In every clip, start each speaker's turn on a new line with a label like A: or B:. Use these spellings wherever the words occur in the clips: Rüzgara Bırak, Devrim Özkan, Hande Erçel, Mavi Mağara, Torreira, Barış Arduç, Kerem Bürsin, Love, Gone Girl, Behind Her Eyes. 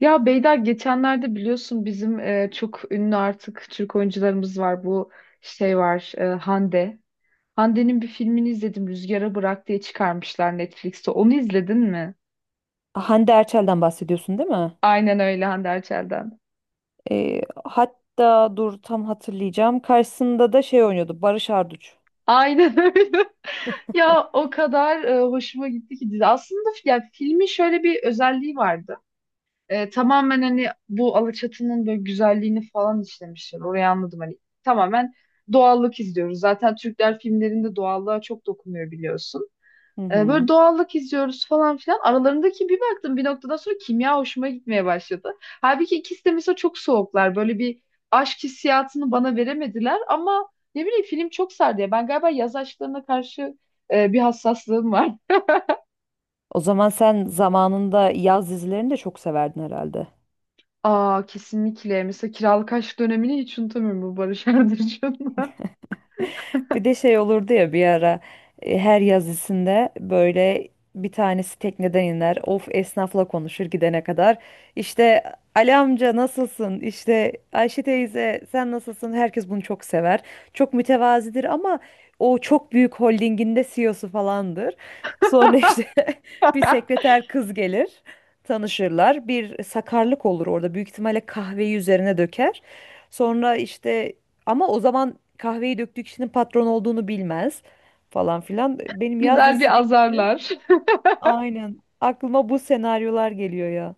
A: Ya Beyda geçenlerde biliyorsun bizim çok ünlü artık Türk oyuncularımız var. Bu şey var Hande. Hande'nin bir filmini izledim Rüzgara Bırak diye çıkarmışlar Netflix'te. Onu izledin mi?
B: Ah, Hande Erçel'den bahsediyorsun değil mi?
A: Aynen öyle Hande Erçel'den.
B: Hatta dur tam hatırlayacağım. Karşısında da şey oynuyordu. Barış Arduç.
A: Aynen öyle. Ya o kadar hoşuma gitti ki dizi. Aslında ya filmin şöyle bir özelliği vardı. Tamamen hani bu Alaçatı'nın böyle güzelliğini falan işlemişler. Orayı anladım hani tamamen doğallık izliyoruz. Zaten Türkler filmlerinde doğallığa çok dokunuyor biliyorsun.
B: Hı
A: Böyle
B: hı.
A: doğallık izliyoruz falan filan. Aralarındaki bir baktım bir noktadan sonra kimya hoşuma gitmeye başladı. Halbuki ikisi de mesela çok soğuklar. Böyle bir aşk hissiyatını bana veremediler ama ne bileyim film çok sardı ya. Ben galiba yaz aşklarına karşı bir hassaslığım var.
B: O zaman sen zamanında yaz dizilerini de çok severdin herhalde.
A: Aa kesinlikle. Mesela kiralık aşk dönemini hiç unutamıyorum bu Barış Arduç'unla.
B: Bir de şey olurdu ya bir ara her yazısında böyle bir tanesi tekneden iner. Of, esnafla konuşur gidene kadar. İşte Ali amca nasılsın? İşte Ayşe teyze sen nasılsın? Herkes bunu çok sever. Çok mütevazidir ama o çok büyük holdinginde CEO'su falandır. Sonra işte bir sekreter kız gelir. Tanışırlar. Bir sakarlık olur orada. Büyük ihtimalle kahveyi üzerine döker. Sonra işte ama o zaman kahveyi döktüğü kişinin patron olduğunu bilmez falan filan. Benim yaz
A: Güzel bir
B: dizisi değil.
A: azarlar.
B: Aynen. Aklıma bu senaryolar geliyor ya.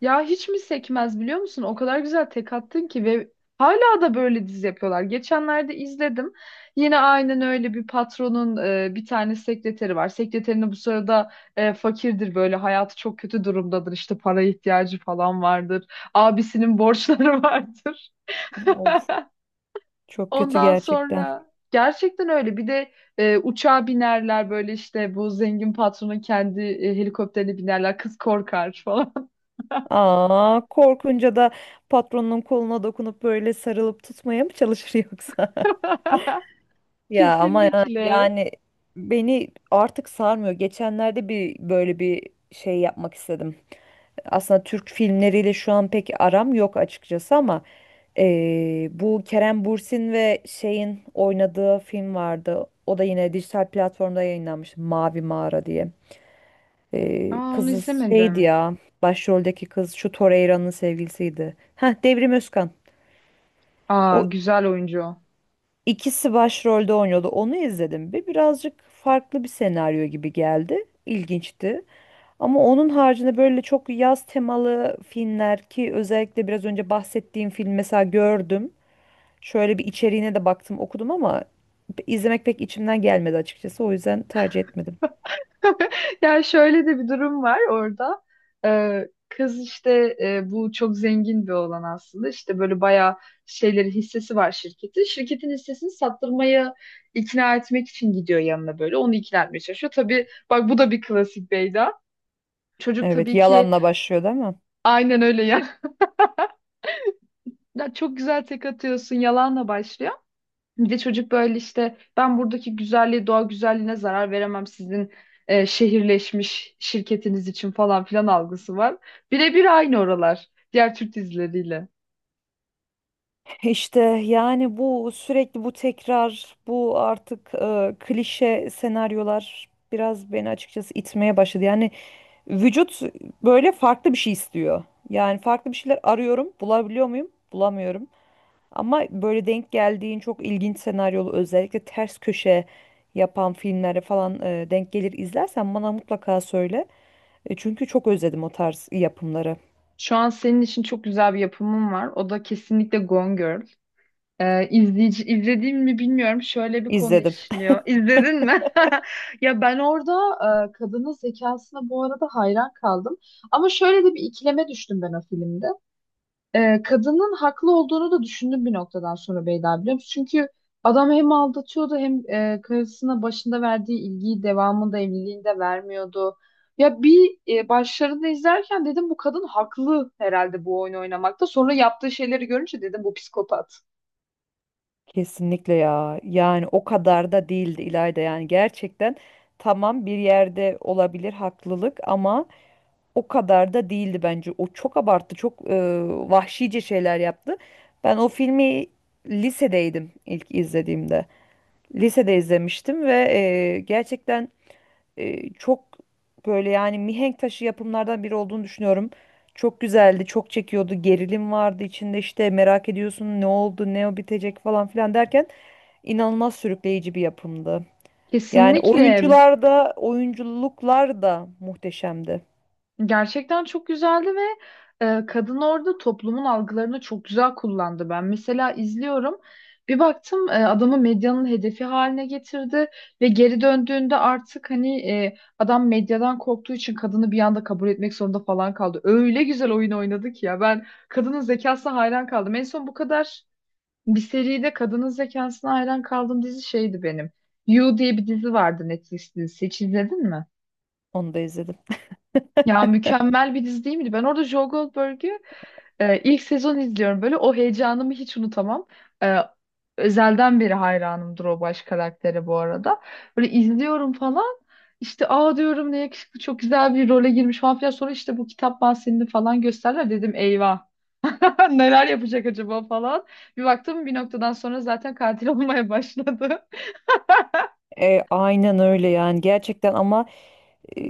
A: Ya hiç mi sekmez biliyor musun? O kadar güzel tek attın ki ve hala da böyle dizi yapıyorlar. Geçenlerde izledim. Yine aynen öyle bir patronun bir tane sekreteri var. Sekreterine bu sırada fakirdir böyle hayatı çok kötü durumdadır. İşte para ihtiyacı falan vardır. Abisinin borçları vardır.
B: Of, çok kötü
A: Ondan
B: gerçekten.
A: sonra gerçekten öyle. Bir de uçağa binerler böyle işte bu zengin patronun kendi helikopterine binerler. Kız korkar falan.
B: Aa, korkunca da patronun koluna dokunup böyle sarılıp tutmaya mı çalışır yoksa? Ya ama
A: Kesinlikle.
B: yani beni artık sarmıyor. Geçenlerde bir böyle bir şey yapmak istedim. Aslında Türk filmleriyle şu an pek aram yok açıkçası ama bu Kerem Bürsin ve şeyin oynadığı film vardı. O da yine dijital platformda yayınlanmış. Mavi Mağara diye.
A: Aa onu
B: Kızı
A: izlemedim.
B: şeydi ya. Başroldeki kız şu Torreira'nın sevgilisiydi. Heh, Devrim Özkan.
A: Aa
B: O
A: güzel oyuncu o.
B: İkisi başrolde oynuyordu. Onu izledim ve birazcık farklı bir senaryo gibi geldi. İlginçti. Ama onun haricinde böyle çok yaz temalı filmler ki özellikle biraz önce bahsettiğim film mesela gördüm. Şöyle bir içeriğine de baktım, okudum ama izlemek pek içimden gelmedi açıkçası. O yüzden tercih etmedim.
A: Yani şöyle de bir durum var orada. Kız işte bu çok zengin bir olan aslında. İşte böyle bayağı şeyleri hissesi var şirketin. Şirketin hissesini sattırmaya ikna etmek için gidiyor yanına böyle. Onu ikna etmeye çalışıyor. Tabii bak bu da bir klasik Beyda. Çocuk
B: Evet,
A: tabii ki
B: yalanla başlıyor değil mi?
A: aynen öyle ya. Ya çok güzel tek atıyorsun yalanla başlıyor. Bir de çocuk böyle işte ben buradaki güzelliğe, doğa güzelliğine zarar veremem sizin şehirleşmiş şirketiniz için falan filan algısı var. Birebir aynı oralar diğer Türk dizileriyle.
B: İşte yani bu sürekli bu tekrar, bu artık klişe senaryolar biraz beni açıkçası itmeye başladı. Yani vücut böyle farklı bir şey istiyor. Yani farklı bir şeyler arıyorum, bulabiliyor muyum? Bulamıyorum. Ama böyle denk geldiğin çok ilginç senaryolu özellikle ters köşe yapan filmlere falan denk gelir izlersen bana mutlaka söyle. Çünkü çok özledim o tarz yapımları.
A: Şu an senin için çok güzel bir yapımım var. O da kesinlikle Gone Girl. İzleyici, izlediğim mi bilmiyorum. Şöyle bir konu
B: İzledim.
A: işliyor. İzledin mi? Ya ben orada kadının zekasına bu arada hayran kaldım. Ama şöyle de bir ikileme düştüm ben o filmde. Kadının haklı olduğunu da düşündüm bir noktadan sonra Beyda biliyor musun? Çünkü adam hem aldatıyordu hem karısına başında verdiği ilgiyi devamında evliliğinde vermiyordu. Ya bir başlarında izlerken dedim bu kadın haklı herhalde bu oyunu oynamakta. Sonra yaptığı şeyleri görünce dedim bu psikopat.
B: Kesinlikle ya. Yani o kadar da değildi İlayda. Yani gerçekten tamam bir yerde olabilir haklılık ama o kadar da değildi bence. O çok abarttı, çok vahşice şeyler yaptı. Ben o filmi lisedeydim ilk izlediğimde. Lisede izlemiştim ve gerçekten çok böyle yani mihenk taşı yapımlardan biri olduğunu düşünüyorum. Çok güzeldi, çok çekiyordu, gerilim vardı içinde işte merak ediyorsun ne oldu, ne bitecek falan filan derken inanılmaz sürükleyici bir yapımdı. Yani
A: Kesinlikle.
B: oyuncular da, oyunculuklar da muhteşemdi.
A: Gerçekten çok güzeldi ve kadın orada toplumun algılarını çok güzel kullandı. Ben mesela izliyorum. Bir baktım adamı medyanın hedefi haline getirdi ve geri döndüğünde artık hani adam medyadan korktuğu için kadını bir anda kabul etmek zorunda falan kaldı. Öyle güzel oyun oynadı ki ya ben kadının zekasına hayran kaldım. En son bu kadar bir seride kadının zekasına hayran kaldığım dizi şeydi benim. You diye bir dizi vardı Netflix'te. Hiç izledin mi?
B: Onu da izledim.
A: Ya mükemmel bir dizi değil miydi? Ben orada Joe Goldberg'ü ilk sezon izliyorum. Böyle o heyecanımı hiç unutamam. E, özelden beri hayranımdır o baş karaktere bu arada. Böyle izliyorum falan. İşte aa diyorum ne yakışıklı çok güzel bir role girmiş falan filan. Sonra işte bu kitap bahsini falan gösterler. Dedim eyvah, neler yapacak acaba falan. Bir baktım bir noktadan sonra zaten katil olmaya başladı.
B: Aynen öyle yani gerçekten ama e,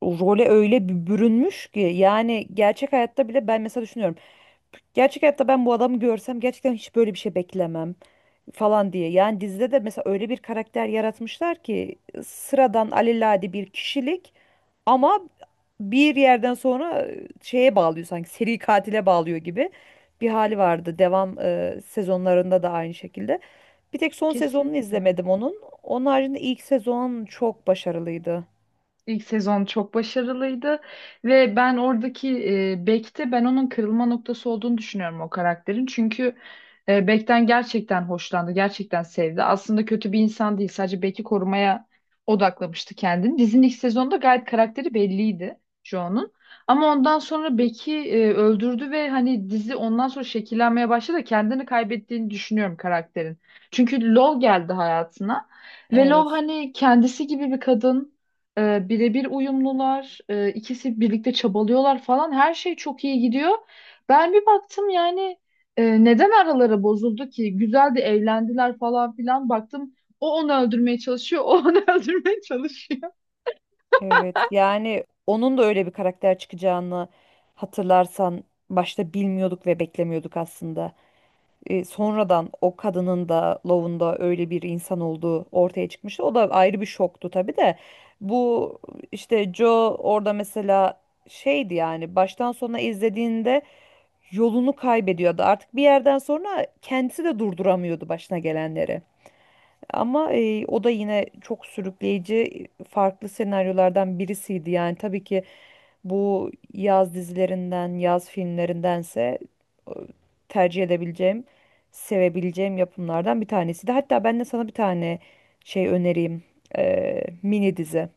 B: o role öyle bir bürünmüş ki yani gerçek hayatta bile ben mesela düşünüyorum. Gerçek hayatta ben bu adamı görsem gerçekten hiç böyle bir şey beklemem falan diye. Yani dizide de mesela öyle bir karakter yaratmışlar ki sıradan alelade bir kişilik ama bir yerden sonra şeye bağlıyor, sanki seri katile bağlıyor gibi bir hali vardı. Devam sezonlarında da aynı şekilde. Bir tek son sezonunu
A: Kesinlikle.
B: izlemedim onun. Onun haricinde ilk sezon çok başarılıydı.
A: İlk sezon çok başarılıydı ve ben oradaki Beck'te ben onun kırılma noktası olduğunu düşünüyorum o karakterin. Çünkü Beck'ten gerçekten hoşlandı, gerçekten sevdi. Aslında kötü bir insan değil, sadece Beck'i korumaya odaklamıştı kendini. Dizinin ilk sezonda gayet karakteri belliydi Joe'nun. Ama ondan sonra Beck'i öldürdü ve hani dizi ondan sonra şekillenmeye başladı. Kendini kaybettiğini düşünüyorum karakterin. Çünkü Love geldi hayatına ve Love
B: Evet.
A: hani kendisi gibi bir kadın. Birebir uyumlular, ikisi birlikte çabalıyorlar falan. Her şey çok iyi gidiyor. Ben bir baktım yani neden araları bozuldu ki? Güzel de evlendiler falan filan. Baktım o onu öldürmeye çalışıyor, o onu öldürmeye çalışıyor.
B: Evet. Yani onun da öyle bir karakter çıkacağını hatırlarsan başta bilmiyorduk ve beklemiyorduk aslında. Sonradan o kadının da, Love'un da öyle bir insan olduğu ortaya çıkmıştı. O da ayrı bir şoktu tabii de. Bu işte Joe orada mesela şeydi yani baştan sona izlediğinde yolunu kaybediyordu. Artık bir yerden sonra kendisi de durduramıyordu başına gelenleri. Ama o da yine çok sürükleyici farklı senaryolardan birisiydi. Yani tabii ki bu yaz dizilerinden, yaz filmlerindense e, tercih edebileceğim, sevebileceğim yapımlardan bir tanesiydi. Hatta ben de sana bir tane şey önereyim. E, mini dizi.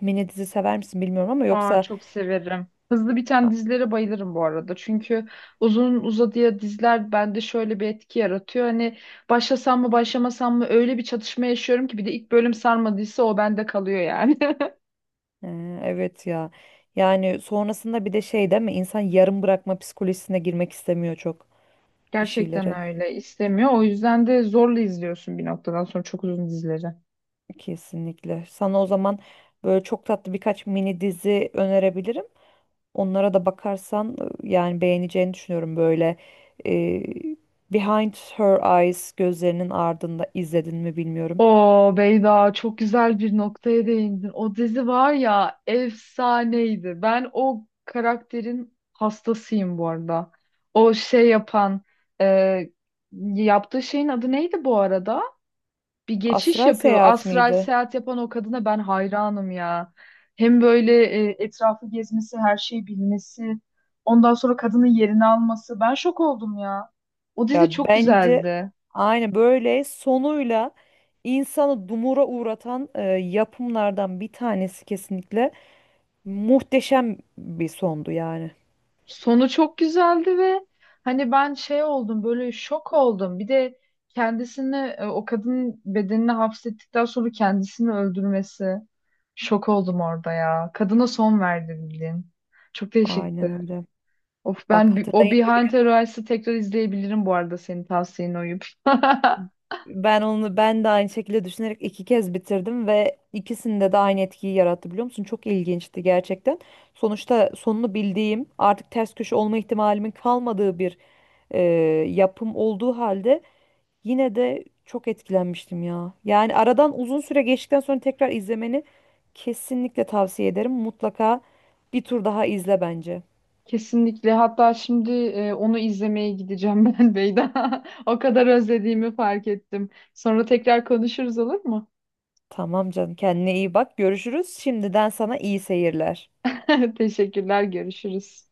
B: Mini dizi sever misin bilmiyorum ama
A: Aa
B: yoksa...
A: çok severim. Hızlı biten dizilere bayılırım bu arada. Çünkü uzun uzadıya diziler bende şöyle bir etki yaratıyor. Hani başlasam mı başlamasam mı öyle bir çatışma yaşıyorum ki bir de ilk bölüm sarmadıysa o bende kalıyor yani.
B: Evet ya. Yani sonrasında bir de şey değil mi? İnsan yarım bırakma psikolojisine girmek istemiyor çok bir
A: Gerçekten
B: şeyleri.
A: öyle. İstemiyor. O yüzden de zorla izliyorsun bir noktadan sonra çok uzun dizileri.
B: Kesinlikle. Sana o zaman böyle çok tatlı birkaç mini dizi önerebilirim. Onlara da bakarsan yani beğeneceğini düşünüyorum böyle. e, Behind Her Eyes, gözlerinin ardında, izledin mi bilmiyorum.
A: Oo Beyda çok güzel bir noktaya değindin. O dizi var ya efsaneydi. Ben o karakterin hastasıyım bu arada. O şey yapan e, yaptığı şeyin adı neydi bu arada? Bir geçiş
B: Astral
A: yapıyor.
B: Seyahat
A: Astral
B: miydi?
A: seyahat yapan o kadına ben hayranım ya. Hem böyle etrafı gezmesi, her şeyi bilmesi, ondan sonra kadının yerini alması. Ben şok oldum ya. O dizi
B: Ya
A: çok
B: bence
A: güzeldi.
B: aynı böyle sonuyla insanı dumura uğratan yapımlardan bir tanesi, kesinlikle muhteşem bir sondu yani.
A: Sonu çok güzeldi ve hani ben şey oldum, böyle şok oldum. Bir de kendisini, o kadının bedenini hapsettikten sonra kendisini öldürmesi. Şok oldum orada ya. Kadına son verdi bildiğin. Çok değişikti.
B: Aynen öyle.
A: Of
B: Bak
A: ben o
B: hatırlayın.
A: Behind the Rice'ı tekrar izleyebilirim bu arada senin tavsiyene uyup.
B: Ben onu ben de aynı şekilde düşünerek iki kez bitirdim ve ikisinde de aynı etkiyi yarattı biliyor musun? Çok ilginçti gerçekten. Sonuçta sonunu bildiğim, artık ters köşe olma ihtimalimin kalmadığı bir e, yapım olduğu halde yine de çok etkilenmiştim ya. Yani aradan uzun süre geçtikten sonra tekrar izlemeni kesinlikle tavsiye ederim. Mutlaka bir tur daha izle bence.
A: Kesinlikle. Hatta şimdi onu izlemeye gideceğim ben Beyda. O kadar özlediğimi fark ettim. Sonra tekrar konuşuruz olur mu?
B: Tamam canım, kendine iyi bak. Görüşürüz. Şimdiden sana iyi seyirler.
A: Teşekkürler, görüşürüz.